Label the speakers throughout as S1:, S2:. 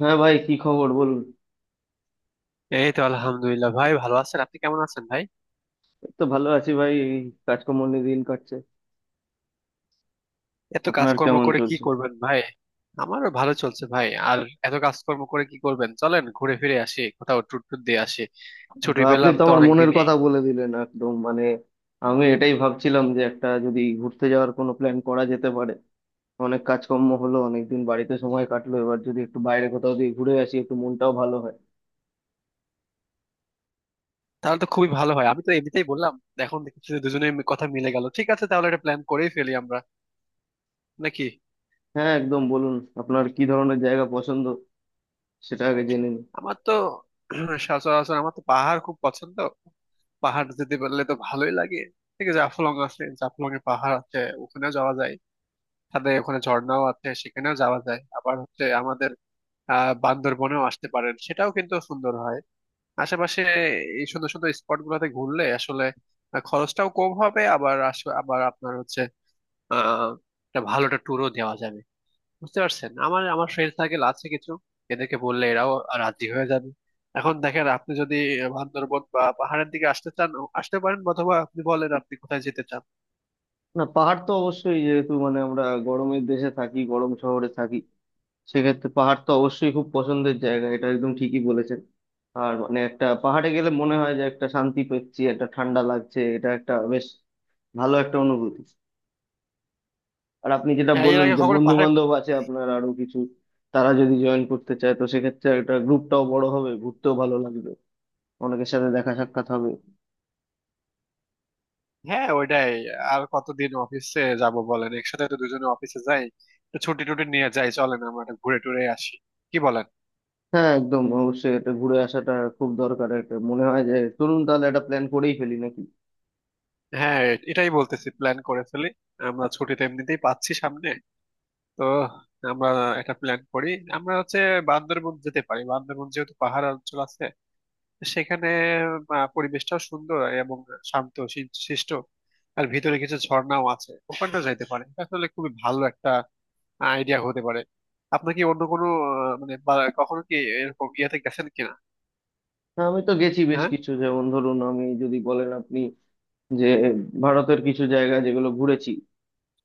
S1: হ্যাঁ ভাই কি খবর বলুন।
S2: এই তো আলহামদুলিল্লাহ, ভাই। ভালো আছেন? আপনি কেমন আছেন ভাই?
S1: এই তো ভালো আছি ভাই, এই কাজকর্ম নিয়ে দিন কাটছে।
S2: এত
S1: আপনার
S2: কাজকর্ম
S1: কেমন
S2: করে কি
S1: চলছে?
S2: করবেন ভাই? আমারও ভালো চলছে ভাই। আর এত কাজকর্ম করে কি করবেন, চলেন ঘুরে ফিরে আসি কোথাও, ট্যুর ট্যুর দিয়ে আসি। ছুটি
S1: বা আপনি
S2: পেলাম
S1: তো
S2: তো
S1: আমার
S2: অনেক
S1: মনের
S2: দিনই।
S1: কথা বলে দিলেন একদম, মানে আমি এটাই ভাবছিলাম যে একটা যদি ঘুরতে যাওয়ার কোনো প্ল্যান করা যেতে পারে। অনেক কাজকর্ম হলো, অনেকদিন বাড়িতে সময় কাটলো, এবার যদি একটু বাইরে কোথাও দিয়ে ঘুরে আসি একটু মনটাও ভালো হয়।
S2: তাহলে তো খুবই ভালো হয়। আমি তো এমনিতেই বললাম। এখন দেখছি যে দুজনের কথা মিলে গেল। ঠিক আছে, তাহলে একটা প্ল্যান করেই ফেলি আমরা, নাকি?
S1: হ্যাঁ একদম বলুন, আপনার কি ধরনের জায়গা পছন্দ সেটা আগে জেনে নিন।
S2: আমার তো সচরাচর আমার তো পাহাড় খুব পছন্দ। পাহাড় যেতে পারলে তো ভালোই লাগে। ঠিক আছে, জাফলং আছে, জাফলং এ পাহাড় আছে। ওখানেও যাওয়া যায়। তাদের ওখানে ঝর্ণাও আছে, সেখানেও যাওয়া যায়। আবার হচ্ছে আমাদের বান্দরবনেও আসতে পারেন, সেটাও কিন্তু সুন্দর হয়। আশেপাশে এই সুন্দর সুন্দর স্পট গুলোতে ঘুরলে আসলে খরচটাও কম হবে। আবার আবার আপনার হচ্ছে আহ একটা ভালো একটা ট্যুরও দেওয়া যাবে। বুঝতে পারছেন, আমার আমার ফ্রেন্ড সার্কেল আছে কিছু। এদেরকে বললে এরাও রাজি হয়ে যাবে। এখন দেখেন, আপনি যদি বান্দরবন বা পাহাড়ের দিকে আসতে চান আসতে পারেন, অথবা আপনি বলেন আপনি কোথায় যেতে চান।
S1: না পাহাড় তো অবশ্যই, যেহেতু মানে আমরা গরমের দেশে থাকি, গরম শহরে থাকি, সেক্ষেত্রে পাহাড় তো অবশ্যই খুব পছন্দের জায়গা, এটা একদম ঠিকই বলেছেন। আর মানে একটা পাহাড়ে গেলে মনে হয় যে একটা শান্তি পাচ্ছি, একটা ঠান্ডা লাগছে, এটা একটা বেশ ভালো একটা অনুভূতি। আর আপনি যেটা
S2: হ্যাঁ, এর
S1: বললেন
S2: আগে
S1: যে
S2: কখনো
S1: বন্ধু
S2: পাহাড়ে।
S1: বান্ধব আছে আপনার আরো কিছু, তারা যদি জয়েন করতে চায় তো সেক্ষেত্রে একটা গ্রুপটাও বড় হবে, ঘুরতেও ভালো লাগবে, অনেকের সাথে দেখা সাক্ষাৎ হবে।
S2: হ্যাঁ, ওইটাই। আর কতদিন অফিসে যাব বলেন, একসাথে তো দুজনে অফিসে যাই। তো ছুটি টুটি নিয়ে যাই, চলেন আমরা একটু ঘুরে টুরে আসি। কি বলেন?
S1: হ্যাঁ একদম অবশ্যই এটা ঘুরে আসাটা খুব দরকার, একটা মনে হয় যে চলুন তাহলে একটা প্ল্যান করেই ফেলি নাকি।
S2: হ্যাঁ, এটাই বলতেছি, প্ল্যান করে ফেলি। আমরা ছুটি তো এমনিতেই পাচ্ছি সামনে। তো আমরা একটা প্ল্যান করি। আমরা হচ্ছে বান্দরবন যেতে পারি, বান্দরবন যেহেতু পাহাড় অঞ্চল আছে। সেখানে পরিবেশটাও সুন্দর এবং শান্ত শিষ্ট। আর ভিতরে কিছু ঝর্ণাও আছে, ওখানটা যাইতে পারে। এটা আসলে খুবই ভালো একটা আইডিয়া হতে পারে। আপনার কি অন্য কোনো, মানে কখনো কি এরকম ইয়েতে গেছেন কিনা?
S1: হ্যাঁ আমি তো গেছি বেশ
S2: হ্যাঁ,
S1: কিছু, যেমন ধরুন আমি যদি বলেন আপনি যে ভারতের কিছু জায়গা যেগুলো ঘুরেছি,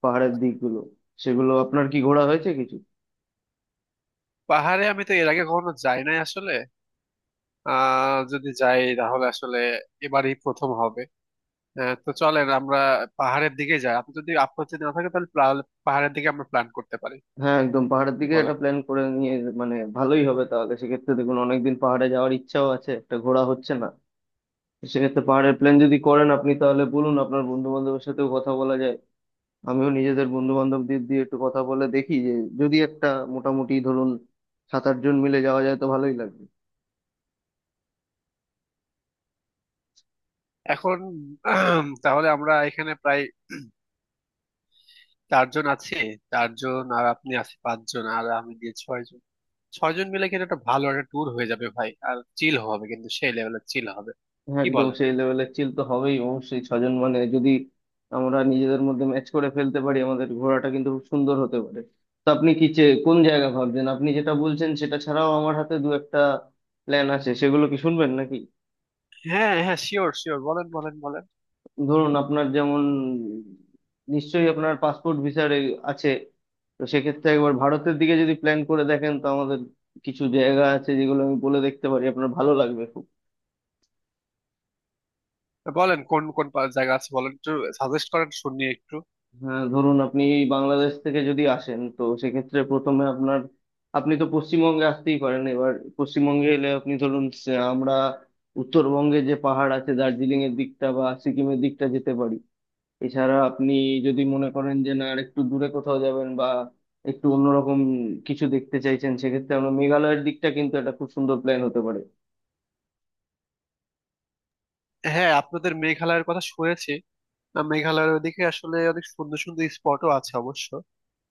S1: পাহাড়ের দিকগুলো, সেগুলো আপনার কি ঘোরা হয়েছে কিছু?
S2: পাহাড়ে আমি তো এর আগে কখনো যাই নাই আসলে। যদি যাই তাহলে আসলে এবারই প্রথম হবে। তো চলেন আমরা পাহাড়ের দিকে যাই। আপনি যদি আপত্তি না থাকে তাহলে পাহাড়ের দিকে আমরা প্ল্যান করতে পারি।
S1: হ্যাঁ একদম পাহাড়ের
S2: কি
S1: দিকে
S2: বলেন?
S1: একটা প্ল্যান করে নিয়ে মানে ভালোই হবে। তাহলে সেক্ষেত্রে দেখুন অনেকদিন পাহাড়ে যাওয়ার ইচ্ছাও আছে, একটা ঘোরা হচ্ছে না, সেক্ষেত্রে পাহাড়ের প্ল্যান যদি করেন আপনি তাহলে বলুন আপনার বন্ধু বান্ধবের সাথেও কথা বলা যায়। আমিও নিজেদের বন্ধু বান্ধবদের দিয়ে একটু কথা বলে দেখি যে যদি একটা মোটামুটি ধরুন সাত আট জন মিলে যাওয়া যায় তো ভালোই লাগবে।
S2: এখন তাহলে আমরা এখানে প্রায় চারজন আছি। চারজন আর আপনি আছি পাঁচজন, আর আমি দিয়ে ছয়জন। ছয়জন মিলে কিন্তু একটা ভালো একটা ট্যুর হয়ে যাবে ভাই। আর চিল হবে, কিন্তু সেই লেভেলের চিল হবে।
S1: হ্যাঁ,
S2: কি
S1: একদম
S2: বলেন?
S1: সেই লেভেলের চিল তো হবেই অবশ্যই, ছজন মানে যদি আমরা নিজেদের মধ্যে ম্যাচ করে ফেলতে পারি আমাদের ঘোড়াটা কিন্তু খুব সুন্দর হতে পারে। তো আপনি কি কোন জায়গা ভাবছেন? আপনি যেটা বলছেন সেটা ছাড়াও আমার হাতে দু একটা প্ল্যান আছে, সেগুলো কি শুনবেন নাকি?
S2: হ্যাঁ, হ্যাঁ, শিওর, শিওর, বলেন, বলেন, বলেন।
S1: ধরুন আপনার যেমন নিশ্চয়ই আপনার পাসপোর্ট ভিসার আছে, তো সেক্ষেত্রে একবার ভারতের দিকে যদি প্ল্যান করে দেখেন তো আমাদের কিছু জায়গা আছে যেগুলো আমি বলে দেখতে পারি, আপনার ভালো লাগবে খুব।
S2: বলেন, কোন কোন জায়গা আছে বলেন একটু, সাজেস্ট করেন শুনি একটু।
S1: হ্যাঁ ধরুন আপনি বাংলাদেশ থেকে যদি আসেন তো সেক্ষেত্রে প্রথমে আপনার, আপনি তো পশ্চিমবঙ্গে আসতেই পারেন। এবার পশ্চিমবঙ্গে এলে আপনি ধরুন আমরা উত্তরবঙ্গে যে পাহাড় আছে দার্জিলিং এর দিকটা বা সিকিমের দিকটা যেতে পারি। এছাড়া আপনি যদি মনে করেন যে না আর একটু দূরে কোথাও যাবেন বা একটু অন্যরকম কিছু দেখতে চাইছেন সেক্ষেত্রে আমরা মেঘালয়ের দিকটা কিন্তু একটা খুব সুন্দর প্ল্যান হতে পারে।
S2: হ্যাঁ, আপনাদের মেঘালয়ের কথা শুনেছি। মেঘালয়ের ওদিকে আসলে অনেক সুন্দর সুন্দর স্পটও আছে অবশ্য।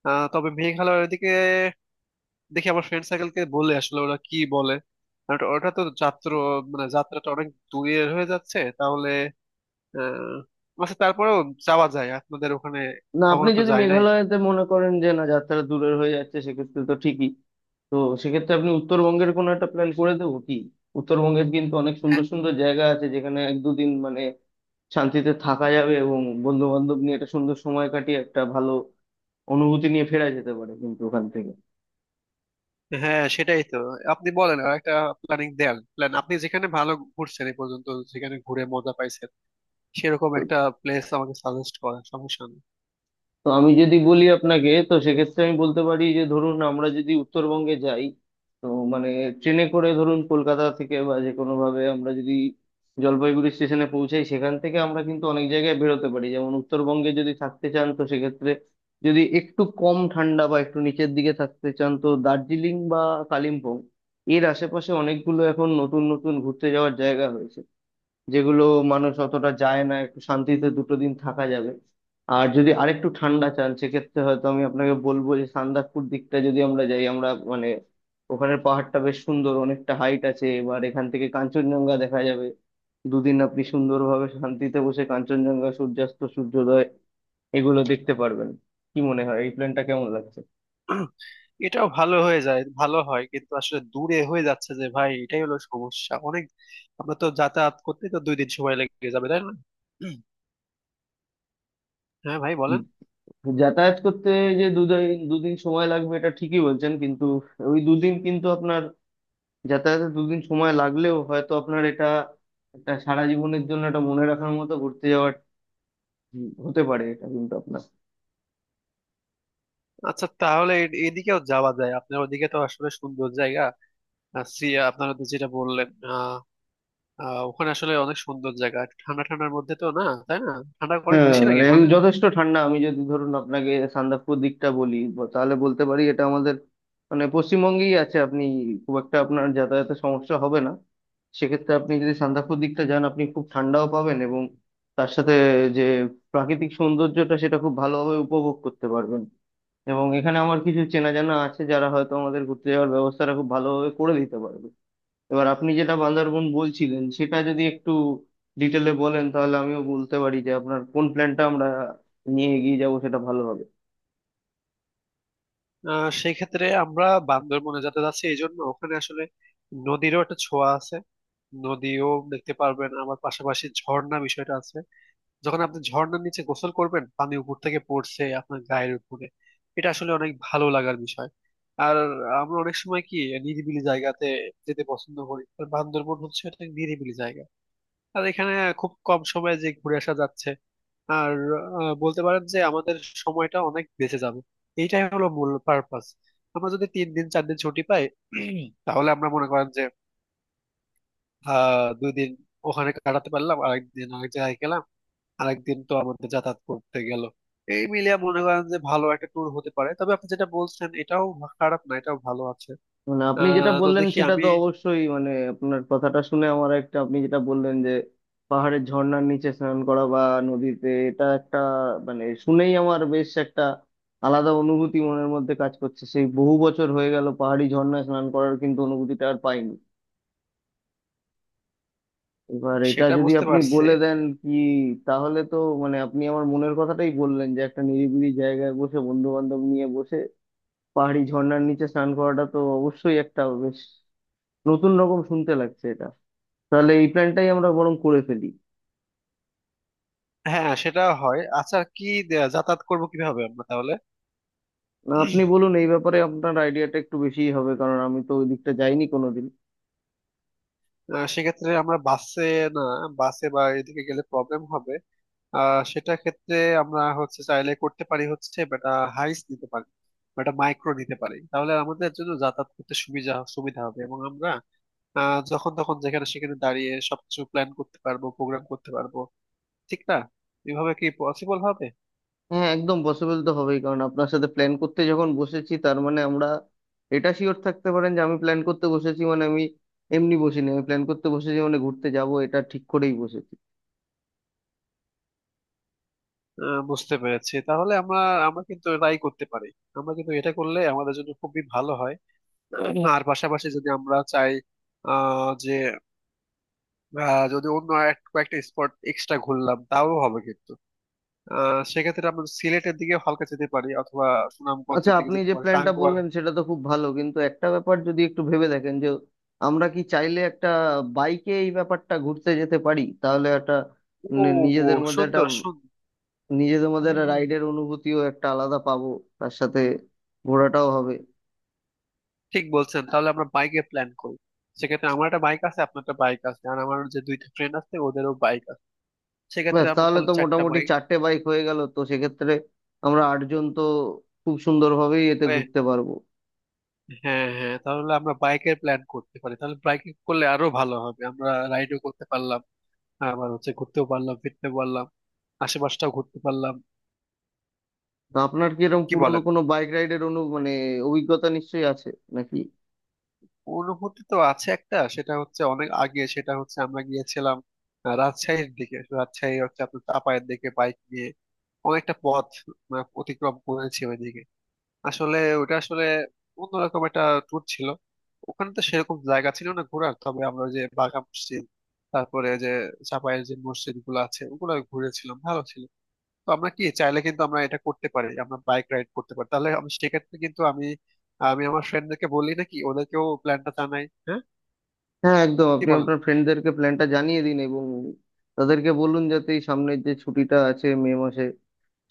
S2: তবে মেঘালয়ের ওদিকে দেখি আমার ফ্রেন্ড সার্কেলকে বলে আসলে ওরা কি বলে। আর ওটা তো যাত্রা, মানে যাত্রাটা অনেক দূরের হয়ে যাচ্ছে তাহলে। আচ্ছা, তারপরেও যাওয়া যায় আপনাদের ওখানে।
S1: না আপনি
S2: কখনো তো
S1: যদি
S2: যায় নাই।
S1: মেঘালয়তে মনে করেন যে না যাত্রা দূরের হয়ে যাচ্ছে সেক্ষেত্রে তো ঠিকই, তো সেক্ষেত্রে আপনি উত্তরবঙ্গের কোনো একটা প্ল্যান করে দেবো কি। উত্তরবঙ্গের কিন্তু অনেক সুন্দর সুন্দর জায়গা আছে যেখানে এক দুদিন মানে শান্তিতে থাকা যাবে এবং বন্ধু বান্ধব নিয়ে একটা সুন্দর সময় কাটিয়ে একটা ভালো অনুভূতি নিয়ে ফেরা যেতে পারে কিন্তু ওখান থেকে।
S2: হ্যাঁ, সেটাই তো। আপনি বলেন আর একটা প্ল্যানিং দেন। প্ল্যান, আপনি যেখানে ভালো ঘুরছেন এই পর্যন্ত, যেখানে ঘুরে মজা পাইছেন, সেরকম একটা প্লেস আমাকে সাজেস্ট করেন, সমস্যা নেই।
S1: তো আমি যদি বলি আপনাকে তো সেক্ষেত্রে আমি বলতে পারি যে ধরুন আমরা যদি উত্তরবঙ্গে যাই তো মানে ট্রেনে করে ধরুন কলকাতা থেকে বা যে কোনো ভাবে আমরা যদি জলপাইগুড়ি স্টেশনে পৌঁছাই সেখান থেকে আমরা কিন্তু অনেক জায়গায় বেরোতে পারি। যেমন উত্তরবঙ্গে যদি থাকতে চান তো সেক্ষেত্রে যদি একটু কম ঠান্ডা বা একটু নিচের দিকে থাকতে চান তো দার্জিলিং বা কালিম্পং এর আশেপাশে অনেকগুলো এখন নতুন নতুন ঘুরতে যাওয়ার জায়গা হয়েছে, যেগুলো মানুষ অতটা যায় না, একটু শান্তিতে দুটো দিন থাকা যাবে। আর যদি আরেকটু ঠান্ডা চান সেক্ষেত্রে হয়তো আমি আপনাকে বলবো যে সান্দাকফু দিকটা যদি আমরা যাই, আমরা মানে ওখানের পাহাড়টা বেশ সুন্দর, অনেকটা হাইট আছে, এবার এখান থেকে কাঞ্চনজঙ্ঘা দেখা যাবে। দুদিন আপনি সুন্দরভাবে শান্তিতে বসে কাঞ্চনজঙ্ঘা সূর্যাস্ত সূর্যোদয় এগুলো দেখতে পারবেন। কি মনে হয় এই প্ল্যানটা কেমন লাগছে?
S2: এটাও ভালো হয়ে যায়, ভালো হয় কিন্তু আসলে দূরে হয়ে যাচ্ছে যে ভাই, এটাই হলো সমস্যা। অনেক, আমরা তো যাতায়াত করতে তো দুই দিন সময় লেগে যাবে, তাই না? হ্যাঁ ভাই,
S1: উম,
S2: বলেন।
S1: যাতায়াত করতে যে দুদিন দুদিন সময় লাগবে এটা ঠিকই বলছেন কিন্তু ওই দুদিন কিন্তু আপনার, যাতায়াতে দুদিন সময় লাগলেও হয়তো আপনার এটা একটা সারা জীবনের জন্য এটা মনে রাখার মতো ঘুরতে যাওয়ার হতে পারে এটা কিন্তু আপনার।
S2: আচ্ছা, তাহলে এদিকেও যাওয়া যায়। আপনার ওদিকে তো আসলে সুন্দর জায়গা। সিয়া আপনারা তো যেটা বললেন, আহ আহ, ওখানে আসলে অনেক সুন্দর জায়গা, একটু ঠান্ডা ঠান্ডার মধ্যে তো না, তাই না? ঠান্ডা অনেক
S1: হ্যাঁ
S2: বেশি লাগে
S1: মানে একদম
S2: ওখানে।
S1: যথেষ্ট ঠান্ডা, আমি যদি ধরুন আপনাকে সান্দাকফু দিকটা বলি তাহলে বলতে পারি এটা আমাদের মানে পশ্চিমবঙ্গেই আছে, আপনি খুব একটা আপনার যাতায়াতের সমস্যা হবে না। সেক্ষেত্রে আপনি যদি সান্দাকফু দিকটা যান আপনি খুব ঠান্ডাও পাবেন এবং তার সাথে যে প্রাকৃতিক সৌন্দর্যটা সেটা খুব ভালোভাবে উপভোগ করতে পারবেন এবং এখানে আমার কিছু চেনা জানা আছে যারা হয়তো আমাদের ঘুরতে যাওয়ার ব্যবস্থাটা খুব ভালোভাবে করে দিতে পারবে। এবার আপনি যেটা বান্দারবন বলছিলেন সেটা যদি একটু ডিটেলে বলেন তাহলে আমিও বলতে পারি যে আপনার কোন প্ল্যানটা আমরা নিয়ে এগিয়ে যাবো সেটা ভালো হবে।
S2: সেই ক্ষেত্রে আমরা বান্দরবনে যাতে যাচ্ছি, এই জন্য ওখানে আসলে নদীরও একটা ছোঁয়া আছে। নদীও দেখতে পারবেন, আবার পাশাপাশি ঝর্ণা বিষয়টা আছে। যখন আপনি ঝর্ণার নিচে গোসল করবেন, পানি উপর থেকে পড়ছে আপনার গায়ের উপরে, এটা আসলে অনেক ভালো লাগার বিষয়। আর আমরা অনেক সময় কি নিরিবিলি জায়গাতে যেতে পছন্দ করি, আর বান্দরবন হচ্ছে একটা নিরিবিলি জায়গা। আর এখানে খুব কম সময়ে যে ঘুরে আসা যাচ্ছে, আর বলতে পারেন যে আমাদের সময়টা অনেক বেঁচে যাবে। এইটাই হলো মূল পারপাস। আমরা যদি তিন দিন চার দিন ছুটি পাই, তাহলে আমরা মনে করেন যে দুই দিন ওখানে কাটাতে পারলাম, আরেকদিন আরেক জায়গায় গেলাম, আরেকদিন তো আমাদের যাতায়াত করতে গেল। এই মিলিয়ে মনে করেন যে ভালো একটা ট্যুর হতে পারে। তবে আপনি যেটা বলছেন এটাও খারাপ না, এটাও ভালো আছে।
S1: মানে আপনি যেটা
S2: তো
S1: বললেন
S2: দেখি
S1: সেটা
S2: আমি,
S1: তো অবশ্যই, মানে আপনার কথাটা শুনে আমার একটা, আপনি যেটা বললেন যে পাহাড়ের ঝর্ণার নিচে স্নান করা বা নদীতে, এটা একটা মানে শুনেই আমার বেশ একটা আলাদা অনুভূতি মনের মধ্যে কাজ করছে। সেই বহু বছর হয়ে গেল পাহাড়ি ঝর্ণায় স্নান করার কিন্তু অনুভূতিটা আর পাইনি। এবার এটা
S2: সেটা
S1: যদি
S2: বুঝতে
S1: আপনি
S2: পারছি।
S1: বলে দেন কি তাহলে তো মানে আপনি আমার মনের কথাটাই বললেন যে একটা নিরিবিলি জায়গায় বসে বন্ধু বান্ধব নিয়ে বসে পাহাড়ি ঝর্ণার নিচে স্নান করাটা তো অবশ্যই একটা বেশ নতুন রকম শুনতে লাগছে এটা। তাহলে এই প্ল্যানটাই আমরা বরং করে ফেলি।
S2: হ্যাঁ, সেটা হয়। আচ্ছা, কি যাতায়াত করবো কিভাবে আমরা তাহলে?
S1: না আপনি বলুন এই ব্যাপারে, আপনার আইডিয়াটা একটু বেশিই হবে কারণ আমি তো ওই দিকটা যাইনি কোনোদিন।
S2: সেক্ষেত্রে আমরা বাসে, না, বাসে বা এদিকে গেলে প্রবলেম হবে। সেটা ক্ষেত্রে আমরা হচ্ছে চাইলে করতে পারি হচ্ছে বেটা, হাইস নিতে পারি, বা একটা মাইক্রো নিতে পারি। তাহলে আমাদের জন্য যাতায়াত করতে সুবিধা সুবিধা হবে, এবং আমরা যখন তখন যেখানে সেখানে দাঁড়িয়ে সবকিছু প্ল্যান করতে পারবো, প্রোগ্রাম করতে পারবো। ঠিক না? এভাবে কি পসিবল হবে?
S1: হ্যাঁ একদম পসিবল তো হবেই, কারণ আপনার সাথে প্ল্যান করতে যখন বসেছি তার মানে আমরা, এটা শিওর থাকতে পারেন যে আমি প্ল্যান করতে বসেছি মানে আমি এমনি বসিনি, আমি প্ল্যান করতে বসেছি মানে ঘুরতে যাব এটা ঠিক করেই বসেছি।
S2: বুঝতে পেরেছি। তাহলে আমরা, আমরা কিন্তু এটাই করতে পারি। আমরা কিন্তু এটা করলে আমাদের জন্য খুবই ভালো হয়। আর পাশাপাশি যদি আমরা চাই যে যদি অন্য আর কয়েকটা স্পট এক্সট্রা ঘুরলাম তাও হবে, কিন্তু সেক্ষেত্রে আমরা সিলেটের দিকে হালকা যেতে পারি, অথবা
S1: আচ্ছা
S2: সুনামগঞ্জের দিকে
S1: আপনি
S2: যেতে
S1: যে
S2: পারি,
S1: প্ল্যানটা
S2: টাঙ্গুয়ার।
S1: বললেন সেটা তো খুব ভালো কিন্তু একটা ব্যাপার যদি একটু ভেবে দেখেন যে আমরা কি চাইলে একটা বাইকে এই ব্যাপারটা ঘুরতে যেতে পারি? তাহলে একটা
S2: ও,
S1: নি- নিজেদের মধ্যে একটা
S2: সুন্দর সুন্দর।
S1: নিজেদের মধ্যে
S2: হুম,
S1: একটা
S2: হুম,
S1: রাইডের অনুভূতিও একটা আলাদা পাবো, তার সাথে ঘোরাটাও হবে।
S2: ঠিক বলছেন। তাহলে আমরা বাইকে প্ল্যান করি। সেক্ষেত্রে আমার একটা বাইক আছে, আপনার একটা বাইক আছে, আর আমার যে দুইটা ফ্রেন্ড আছে ওদেরও বাইক আছে। সেক্ষেত্রে
S1: ব্যাস
S2: আমরা
S1: তাহলে
S2: তাহলে
S1: তো
S2: চারটা
S1: মোটামুটি
S2: বাইক।
S1: চারটে বাইক হয়ে গেল, তো সেক্ষেত্রে আমরা আটজন তো খুব সুন্দরভাবেই এতে
S2: হ্যাঁ।
S1: ঘুরতে পারবো।
S2: হ্যাঁ, তাহলে আমরা বাইকের প্ল্যান করতে পারি। তাহলে বাইকে করলে আরো ভালো হবে, আমরা রাইডও করতে পারলাম, আবার হচ্ছে ঘুরতেও পারলাম, ফিরতে পারলাম, আশেপাশটাও ঘুরতে পারলাম।
S1: তো আপনার কি এরকম
S2: কি
S1: পুরনো
S2: বলেন?
S1: কোনো বাইক রাইডের মানে অভিজ্ঞতা নিশ্চয়ই আছে নাকি?
S2: অনুভূতি তো আছে একটা, সেটা হচ্ছে অনেক আগে। সেটা হচ্ছে আমরা গিয়েছিলাম রাজশাহীর দিকে। রাজশাহী হচ্ছে আপনার চাপায়ের দিকে, বাইক নিয়ে অনেকটা পথ, মানে অতিক্রম করেছি ওইদিকে। আসলে ওটা আসলে অন্যরকম একটা ট্যুর ছিল। ওখানে তো সেরকম জায়গা ছিল না ঘোরার, তবে আমরা ওই যে বাঘা মসজিদ, তারপরে যে চাপায়ের যে মসজিদ গুলো আছে, ওগুলো ঘুরেছিলাম, ভালো ছিল। তো আমরা কি চাইলে কিন্তু আমরা এটা করতে পারি, আমরা বাইক রাইড করতে পারি। তাহলে আমি সেক্ষেত্রে কিন্তু আমি আমি আমার ফ্রেন্ডদেরকে বলি নাকি, ওদেরকেও প্ল্যানটা জানাই, হ্যাঁ?
S1: হ্যাঁ একদম
S2: কি
S1: আপনি
S2: বলেন?
S1: আপনার ফ্রেন্ডদেরকে প্ল্যানটা জানিয়ে দিন এবং তাদেরকে বলুন যাতে এই সামনের যে ছুটিটা আছে মে মাসে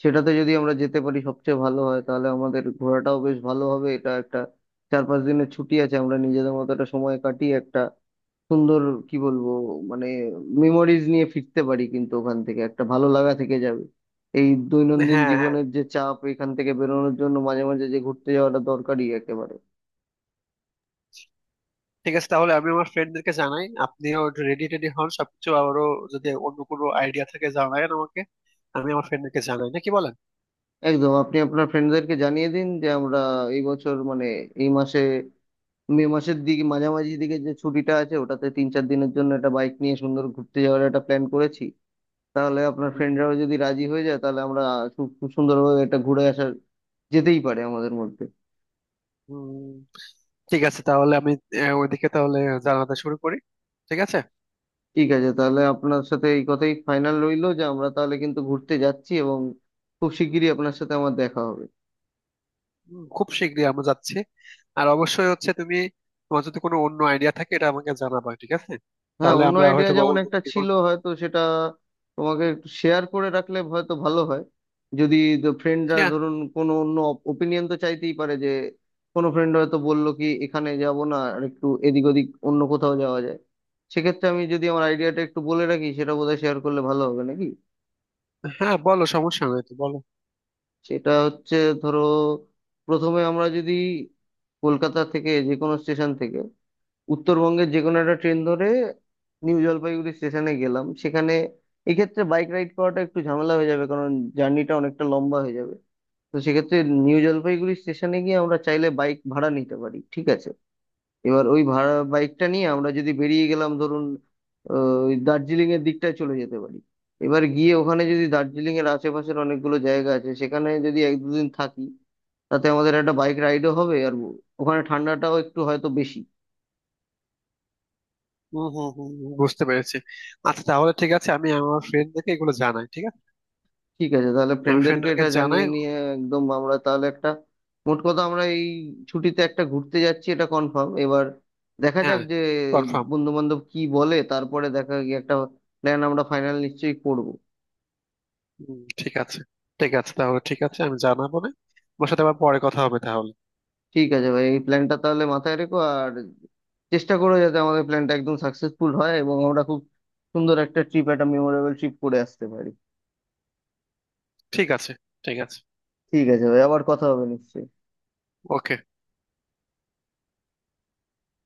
S1: সেটাতে যদি আমরা যেতে পারি সবচেয়ে ভালো হয়, তাহলে আমাদের ঘোরাটাও বেশ ভালো হবে। এটা একটা চার পাঁচ দিনের ছুটি আছে, আমরা নিজেদের মতো একটা সময় কাটিয়ে একটা সুন্দর কি বলবো, মানে মেমোরিজ নিয়ে ফিরতে পারি কিন্তু ওখান থেকে একটা ভালো লাগা থেকে যাবে। এই দৈনন্দিন
S2: হ্যাঁ, হ্যাঁ,
S1: জীবনের যে চাপ এখান থেকে বেরোনোর জন্য মাঝে মাঝে যে ঘুরতে যাওয়াটা দরকারি একেবারে।
S2: ঠিক আছে। তাহলে আমি আমার ফ্রেন্ডদেরকে জানাই, আপনিও রেডি টেডি হন সবকিছু। আবারও যদি অন্য কোনো আইডিয়া থাকে জানায়েন আমাকে। আমি আমার ফ্রেন্ডদেরকে জানাই, নাকি বলেন?
S1: একদম আপনি আপনার ফ্রেন্ডদেরকে জানিয়ে দিন যে আমরা এই বছর মানে এই মাসে মে মাসের দিকে মাঝামাঝি দিকে যে ছুটিটা আছে ওটাতে তিন চার দিনের জন্য একটা বাইক নিয়ে সুন্দর ঘুরতে যাওয়ার একটা প্ল্যান করেছি, তাহলে আপনার
S2: হুম,
S1: ফ্রেন্ডরাও যদি রাজি হয়ে যায় তাহলে আমরা খুব খুব সুন্দরভাবে এটা ঘুরে আসার যেতেই পারে আমাদের মধ্যে।
S2: হুম, ঠিক আছে। তাহলে আমি ওইদিকে তাহলে জানাতে শুরু করি, ঠিক আছে।
S1: ঠিক আছে তাহলে আপনার সাথে এই কথাই ফাইনাল রইলো যে আমরা তাহলে কিন্তু ঘুরতে যাচ্ছি এবং খুব শিগগিরই আপনার সাথে আমার দেখা হবে।
S2: হুম, খুব শীঘ্রই আমরা যাচ্ছি। আর অবশ্যই হচ্ছে তুমি, তোমার যদি কোনো অন্য আইডিয়া থাকে এটা আমাকে জানাবা, ঠিক আছে?
S1: হ্যাঁ
S2: তাহলে
S1: অন্য
S2: আমরা
S1: আইডিয়া
S2: হয়তো বা
S1: যেমন
S2: অন্য
S1: একটা
S2: কিছু
S1: ছিল
S2: করবো।
S1: হয়তো সেটা তোমাকে শেয়ার করে রাখলে হয়তো ভালো হয়, যদি ফ্রেন্ডরা
S2: হ্যাঁ।
S1: ধরুন কোনো অন্য ওপিনিয়ন তো চাইতেই পারে যে কোনো ফ্রেন্ড হয়তো বললো কি এখানে যাব না আর একটু এদিক ওদিক অন্য কোথাও যাওয়া যায়, সেক্ষেত্রে আমি যদি আমার আইডিয়াটা একটু বলে রাখি সেটা বোধহয় শেয়ার করলে ভালো হবে নাকি।
S2: হ্যাঁ, বলো, সমস্যা নাই তো, বলো।
S1: সেটা হচ্ছে ধরো প্রথমে আমরা যদি কলকাতা থেকে যে কোনো স্টেশন থেকে উত্তরবঙ্গের যে কোনো একটা ট্রেন ধরে নিউ জলপাইগুড়ি স্টেশনে গেলাম সেখানে, এক্ষেত্রে বাইক রাইড করাটা একটু ঝামেলা হয়ে যাবে কারণ জার্নিটা অনেকটা লম্বা হয়ে যাবে। তো সেক্ষেত্রে নিউ জলপাইগুড়ি স্টেশনে গিয়ে আমরা চাইলে বাইক ভাড়া নিতে পারি ঠিক আছে। এবার ওই ভাড়া বাইকটা নিয়ে আমরা যদি বেরিয়ে গেলাম ধরুন আহ, ওই দার্জিলিং এর দিকটায় চলে যেতে পারি। এবার গিয়ে ওখানে যদি দার্জিলিং এর আশেপাশের অনেকগুলো জায়গা আছে সেখানে যদি এক দুদিন থাকি তাতে আমাদের একটা বাইক রাইডও হবে আর ওখানে ঠান্ডাটাও একটু হয়তো বেশি।
S2: হুম, হুম, হুম, হুম, বুঝতে পেরেছি। আচ্ছা, তাহলে ঠিক আছে, আমি আমার ফ্রেন্ডদেরকে এগুলো জানাই, ঠিক আছে।
S1: ঠিক আছে তাহলে
S2: আমি
S1: ফ্রেন্ডদেরকে
S2: ফ্রেন্ডদেরকে
S1: এটা জানিয়ে
S2: জানাই।
S1: নিয়ে একদম আমরা তাহলে একটা, মোট কথা আমরা এই ছুটিতে একটা ঘুরতে যাচ্ছি এটা কনফার্ম, এবার দেখা যাক
S2: হ্যাঁ,
S1: যে
S2: কনফার্ম।
S1: বন্ধু বান্ধব কি বলে তারপরে দেখা গিয়ে একটা প্ল্যান আমরা ফাইনাল নিশ্চয়ই করব।
S2: হুম, ঠিক আছে। ঠিক আছে, তাহলে ঠিক আছে, আমি জানাবো না। তোমার সাথে আবার পরে কথা হবে তাহলে।
S1: ঠিক আছে ভাই এই প্ল্যানটা তাহলে মাথায় রেখো আর চেষ্টা করো যাতে আমাদের প্ল্যানটা একদম সাকসেসফুল হয় এবং আমরা খুব সুন্দর একটা ট্রিপ, একটা মেমোরেবল ট্রিপ করে আসতে পারি।
S2: ঠিক আছে। ঠিক আছে।
S1: ঠিক আছে ভাই আবার কথা হবে নিশ্চয়ই।
S2: ওকে।